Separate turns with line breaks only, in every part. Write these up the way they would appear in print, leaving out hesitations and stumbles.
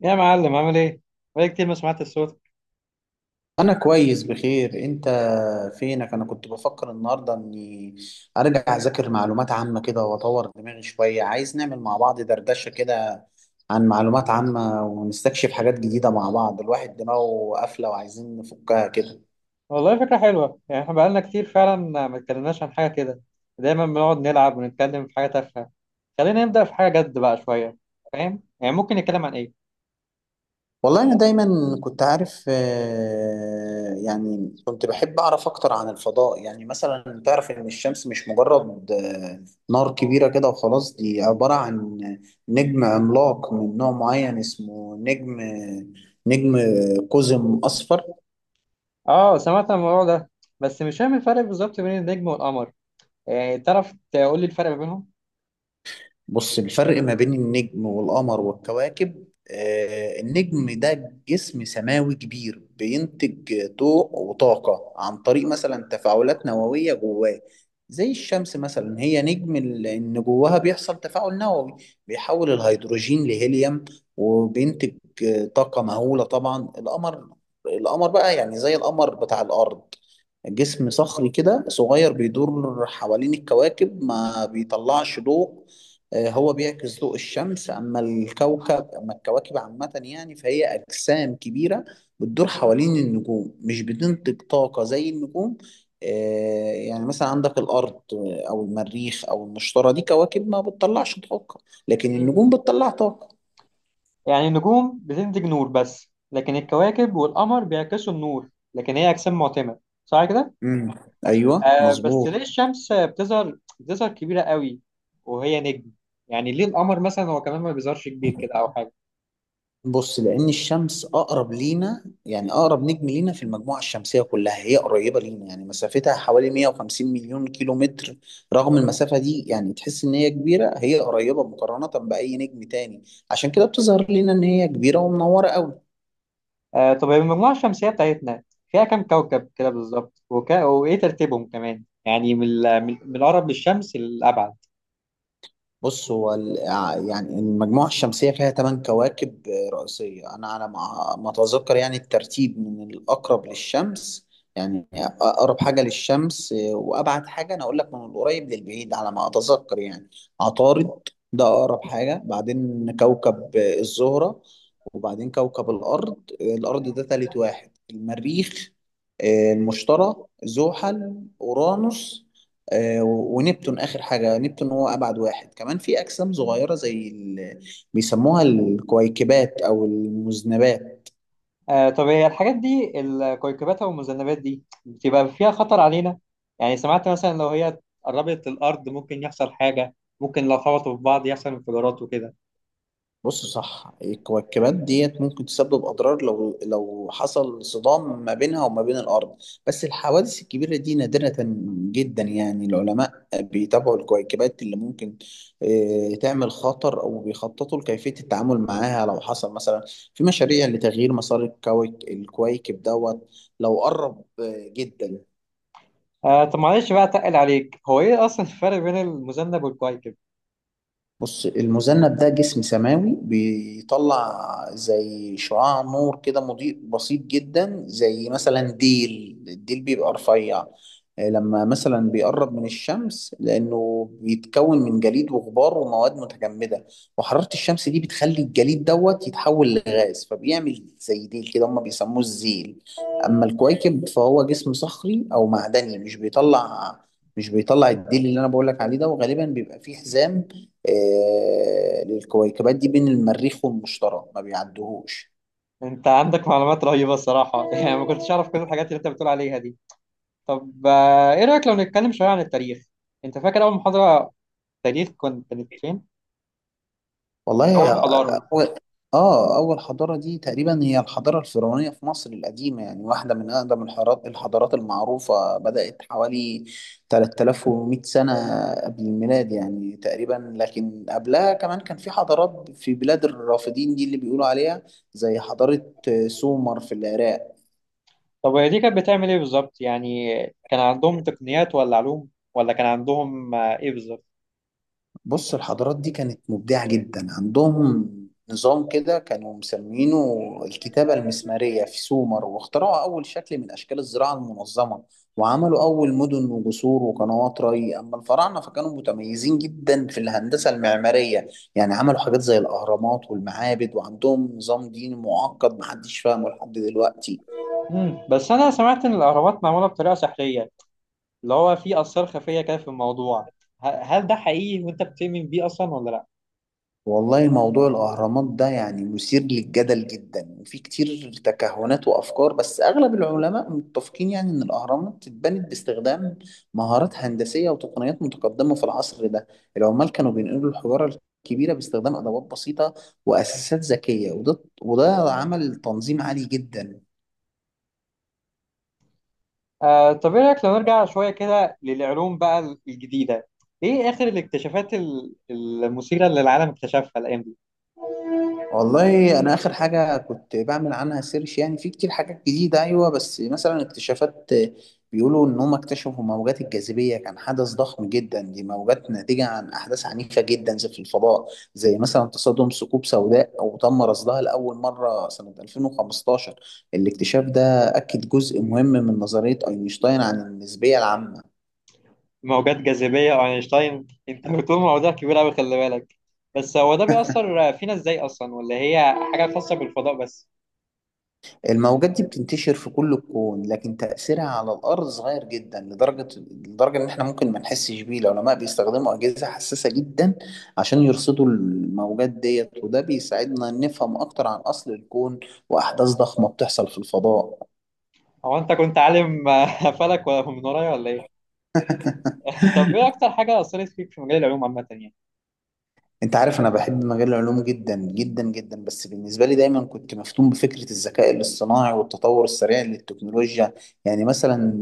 يا معلم عامل ايه؟ بقالي كتير ما سمعت الصوت.
انا كويس، بخير. انت فينك؟ انا كنت بفكر النهارده اني ارجع اذاكر معلومات عامه كده واطور دماغي شويه. عايز نعمل مع بعض دردشه كده عن معلومات عامه، ونستكشف حاجات جديده مع بعض. الواحد دماغه قافله وعايزين نفكها كده.
والله فكرة حلوة، يعني احنا بقالنا كتير فعلا ما اتكلمناش عن حاجة كده. دايما بنقعد نلعب ونتكلم في حاجة تافهة. خلينا نبدأ في حاجة جد بقى شوية. فاهم؟ يعني ممكن نتكلم عن ايه؟
والله أنا دايما كنت عارف. يعني كنت بحب أعرف أكتر عن الفضاء. يعني مثلا تعرف إن الشمس مش مجرد نار كبيرة كده وخلاص. دي عبارة عن نجم عملاق من نوع معين، اسمه نجم قزم أصفر.
اه، سمعت عن الموضوع ده، بس مش فاهم الفرق بالظبط بين النجم والقمر. يعني تعرف تقول لي الفرق ما بينهم؟
بص، الفرق ما بين النجم والقمر والكواكب، النجم ده جسم سماوي كبير بينتج ضوء وطاقة عن طريق مثلا تفاعلات نووية جواه. زي الشمس مثلا، هي نجم إن جواها بيحصل تفاعل نووي بيحول الهيدروجين لهيليوم، وبينتج طاقة مهولة. طبعا القمر بقى، يعني زي القمر بتاع الأرض، جسم صخري كده صغير بيدور حوالين الكواكب، ما بيطلعش ضوء. هو بيعكس ضوء الشمس. اما الكواكب عامة يعني، فهي اجسام كبيرة بتدور حوالين النجوم، مش بتنتج طاقة زي النجوم. آه، يعني مثلا عندك الارض او المريخ او المشتري، دي كواكب ما بتطلعش طاقة، لكن
مم.
النجوم بتطلع طاقة.
يعني النجوم بتنتج نور بس، لكن الكواكب والقمر بيعكسوا النور، لكن هي أجسام معتمة. صح كده؟
امم. ايوه،
آه، بس
مظبوط.
ليه الشمس بتظهر كبيرة قوي وهي نجم؟ يعني ليه القمر مثلا هو كمان ما بيظهرش كبير كده أو حاجة؟
بص، لأن الشمس أقرب لينا. يعني أقرب نجم لينا في المجموعة الشمسية كلها، هي قريبة لينا يعني، مسافتها حوالي 150 مليون كيلو متر. رغم المسافة دي، يعني تحس إن هي كبيرة. هي قريبة مقارنة بأي نجم تاني، عشان كده بتظهر لينا إن هي كبيرة ومنورة أوي.
آه، طب المجموعة الشمسية بتاعتنا فيها كام كوكب كده بالظبط، وإيه ترتيبهم كمان؟ يعني من ال- من من الأقرب للشمس للأبعد.
بص هو ال- آه، يعني المجموعة الشمسية فيها ثمان كواكب رئيسية، أنا على ما أتذكر. يعني الترتيب من الأقرب للشمس يعني، أقرب حاجة للشمس وأبعد حاجة، أنا أقول لك من القريب للبعيد على ما أتذكر يعني. عطارد ده أقرب حاجة، بعدين كوكب الزهرة، وبعدين كوكب الأرض. الأرض ده تالت واحد. المريخ، المشتري، زحل، أورانوس، ونبتون آخر حاجة. نبتون هو أبعد واحد. كمان في أجسام صغيرة زي بيسموها الكويكبات أو المذنبات.
آه، طب هي الحاجات دي، الكويكبات أو المذنبات دي، بتبقى فيها خطر علينا؟ يعني سمعت مثلا لو هي قربت الأرض ممكن يحصل حاجة، ممكن لو خبطوا في بعض يحصل انفجارات وكده.
بص صح، الكويكبات ديت ممكن تسبب أضرار لو حصل صدام ما بينها وما بين الأرض، بس الحوادث الكبيرة دي نادرة جدا. يعني العلماء بيتابعوا الكويكبات اللي ممكن تعمل خطر، أو بيخططوا لكيفية التعامل معاها لو حصل مثلا. في مشاريع لتغيير مسار الكويكب دوت لو قرب جدا.
آه، طب معلش بقى اتقل عليك، هو ايه اصلا الفرق بين المذنب والكويكب؟
بص، المذنب ده جسم سماوي بيطلع زي شعاع نور كده مضيء بسيط جدا. زي مثلا ديل، الديل بيبقى رفيع لما مثلا بيقرب من الشمس، لأنه بيتكون من جليد وغبار ومواد متجمدة، وحرارة الشمس دي بتخلي الجليد دوت يتحول لغاز، فبيعمل زي ديل كده. هما بيسموه الزيل. أما الكويكب فهو جسم صخري أو معدني مش بيطلع الديل اللي أنا بقولك عليه ده، وغالبا بيبقى فيه حزام للكويكبات دي بين المريخ والمشتري ما بيعدوهوش.
انت عندك معلومات رهيبة الصراحة يعني ما كنتش اعرف كل الحاجات اللي انت بتقول عليها دي. طب آه، ايه رأيك لو نتكلم شوية عن التاريخ؟ انت فاكر اول محاضرة تاريخ كنت كانت فين؟
والله ياه،
اول حضارة.
أول حضارة دي تقريبا هي الحضارة الفرعونية في مصر القديمة. يعني واحدة من أقدم الحضارات المعروفة، بدأت حوالي 3100 سنة قبل الميلاد يعني تقريبا. لكن قبلها كمان كان في حضارات في بلاد الرافدين دي، اللي بيقولوا عليها زي حضارة سومر في العراق.
طب هي دي كانت بتعمل ايه بالظبط؟ يعني كان عندهم تقنيات ولا علوم ولا كان عندهم آه، ايه بالظبط؟
بص الحضارات دي كانت مبدعة جدا. عندهم نظام كده كانوا مسمينه الكتابة المسمارية في سومر، واخترعوا أول شكل من أشكال الزراعة المنظمة، وعملوا أول مدن وجسور وقنوات ري. أما الفراعنة فكانوا متميزين جدا في الهندسة المعمارية، يعني عملوا حاجات زي الأهرامات والمعابد، وعندهم نظام ديني معقد محدش فاهمه لحد دلوقتي.
مم، بس انا سمعت ان الاهرامات معمولة بطريقة سحرية، اللي هو في اسرار خفية كده في الموضوع. هل ده حقيقي وانت بتؤمن بيه اصلا، ولا لا؟
والله موضوع الأهرامات ده يعني مثير للجدل جدا، وفي كتير تكهنات وأفكار، بس أغلب العلماء متفقين يعني إن الأهرامات اتبنت باستخدام مهارات هندسية وتقنيات متقدمة في العصر ده. العمال كانوا بينقلوا الحجارة الكبيرة باستخدام أدوات بسيطة وأساسات ذكية، وده عمل تنظيم عالي جدا.
طب ايه رايك لو نرجع شويه كده للعلوم بقى الجديده؟ ايه اخر الاكتشافات المثيره اللي العالم اكتشفها الايام دي؟
والله انا اخر حاجه كنت بعمل عنها سيرش، يعني في كتير حاجات جديده ايوه. بس مثلا اكتشافات بيقولوا ان هم اكتشفوا موجات الجاذبيه، كان حدث ضخم جدا. دي موجات ناتجه عن احداث عنيفه جدا زي في الفضاء، زي مثلا تصادم ثقوب سوداء، او تم رصدها لاول مره سنه 2015. الاكتشاف ده اكد جزء مهم من نظريه اينشتاين عن النسبيه العامه.
موجات جاذبيه واينشتاين! انت بتقول مواضيع كبيره قوي، خلي بالك. بس هو ده بيأثر فينا ازاي اصلا، ولا هي حاجه خاصه بالفضاء بس؟
الموجات دي بتنتشر في كل الكون، لكن تأثيرها على الأرض صغير جدا لدرجة إن إحنا ممكن ما نحسش بيه. العلماء بيستخدموا أجهزة حساسة جدا عشان يرصدوا الموجات ديت، وده بيساعدنا نفهم أكتر عن أصل الكون وأحداث ضخمة بتحصل في الفضاء.
هو انت كنت عالم فلك ولا من ورايا ولا ايه؟ طب ايه اكتر حاجه اثرت فيك في مجال العلوم عامه يعني؟
انت عارف انا بحب مجال العلوم جدا جدا جدا، بس بالنسبه لي دايما كنت مفتون بفكره الذكاء الاصطناعي والتطور السريع للتكنولوجيا. يعني مثلا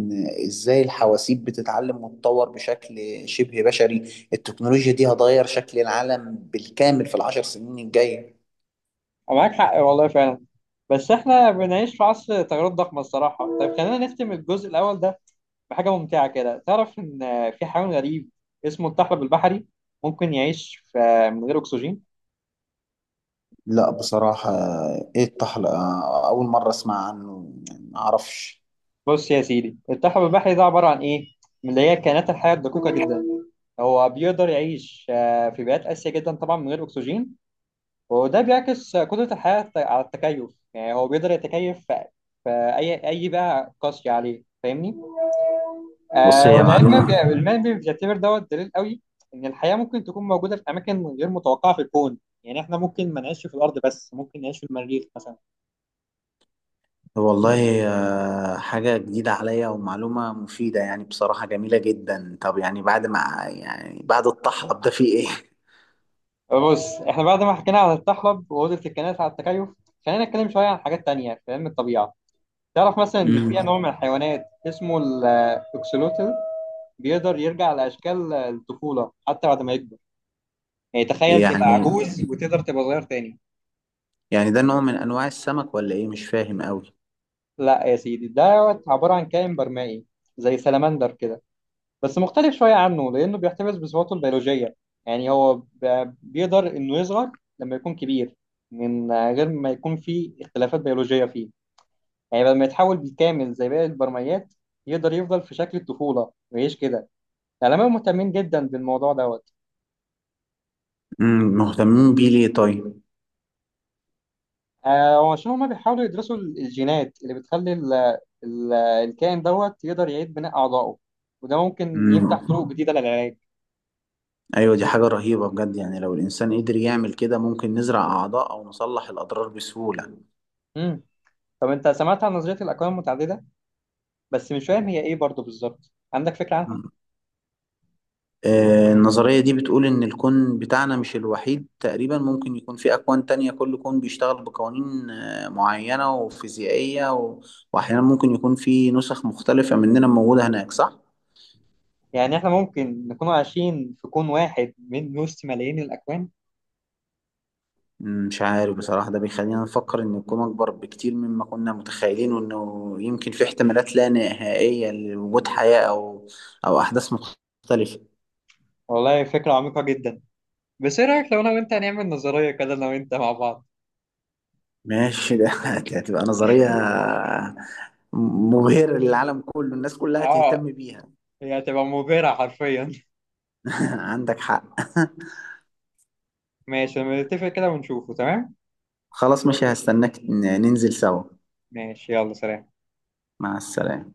ازاي الحواسيب بتتعلم وتتطور بشكل شبه بشري. التكنولوجيا دي هتغير شكل العالم بالكامل في العشر سنين الجايه.
معاك حق والله فعلا، بس احنا بنعيش في عصر تغيرات ضخمه الصراحه. طيب خلينا نختم الجزء الاول ده بحاجة ممتعة كده. تعرف إن في حيوان غريب اسمه الطحلب البحري ممكن يعيش في من غير أكسجين؟
لا، بصراحه ايه الطحلقه؟ اول مره اسمع عنه، يعني ما اعرفش.
بص يا سيدي، الطحلب البحري ده عبارة عن إيه؟ من اللي هي كائنات الحياة الدقيقة جدا. هو بيقدر يعيش في بيئات قاسية جدا طبعا من غير أكسجين، وده بيعكس قدرة الحياة على التكيف. يعني هو بيقدر يتكيف في أي بيئة قاسية عليه، فاهمني؟
بص
آه،
هي
والعلم بي-
معلومه.
العلم بي- بيعتبر دوت دليل قوي ان الحياه ممكن تكون موجوده في اماكن غير متوقعه في الكون. يعني احنا ممكن ما نعيش في الارض بس، ممكن نعيش في المريخ مثلا.
والله، حاجة جديدة عليا ومعلومة مفيدة يعني، بصراحة جميلة جدا. طب يعني بعد ما يعني بعد الطحلب ده في ايه؟
بص، احنا بعد ما حكينا على الطحلب واوضه الكائنات على التكيف، خلينا نتكلم شويه عن حاجات تانية في علم الطبيعه. تعرف مثلا ان في نوع
امم
من الحيوانات اسمه الاكسلوتل بيقدر يرجع لاشكال الطفوله حتى بعد ما يكبر؟ يعني تخيل تبقى
يعني
عجوز وتقدر تبقى صغير تاني.
يعني ده نوع من انواع السمك ولا ايه؟ مش فاهم قوي.
لا يا سيدي، ده عباره عن كائن برمائي زي سلمندر كده، بس مختلف شوية عنه لأنه بيحتفظ بصفاته البيولوجية. يعني هو بيقدر إنه يصغر لما يكون كبير من غير ما يكون فيه اختلافات بيولوجية فيه. يعني بدل ما يتحول بالكامل زي باقي البرميات، يقدر يفضل في شكل الطفولة ويعيش كده. العلماء مهتمين جدا بالموضوع دوت.
مهتمين بيه ليه طيب؟
آه، وعشان هما بيحاولوا يدرسوا الجينات اللي بتخلي ال الكائن دوت يقدر يعيد بناء أعضائه، وده ممكن يفتح
امم.
طرق جديدة للعلاج.
ايوه، دي حاجة رهيبة بجد. يعني لو الانسان قدر يعمل كده ممكن نزرع اعضاء او نصلح الاضرار بسهولة.
مم. طب أنت سمعت عن نظرية الأكوان المتعددة؟ بس مش فاهم هي ايه برضه بالظبط، عندك فكرة عنها؟
النظرية دي بتقول إن الكون بتاعنا مش الوحيد، تقريبا ممكن يكون في أكوان تانية. كل كون بيشتغل بقوانين معينة وفيزيائية وأحيانا ممكن يكون في نسخ مختلفة مننا موجودة هناك، صح؟
يعني احنا ممكن نكون عايشين في كون واحد من وسط ملايين الأكوان.
مش عارف بصراحة. ده بيخلينا نفكر إن الكون أكبر بكتير مما كنا متخيلين، وإنه يمكن في احتمالات لا نهائية لوجود حياة أو أحداث مختلفة.
والله فكرة عميقة جدا. بس ايه رأيك لو انا وانت هنعمل نظرية كده انا وانت مع بعض؟
ماشي ده. هتبقى نظرية مبهرة للعالم كله، الناس كلها
اه،
تهتم بيها.
هي هتبقى مبهرة حرفيا
عندك حق.
ماشي، لما نتفق كده ونشوفه، تمام؟
خلاص ماشي، هستناك ننزل سوا.
ماشي، يلا سلام.
مع السلامة.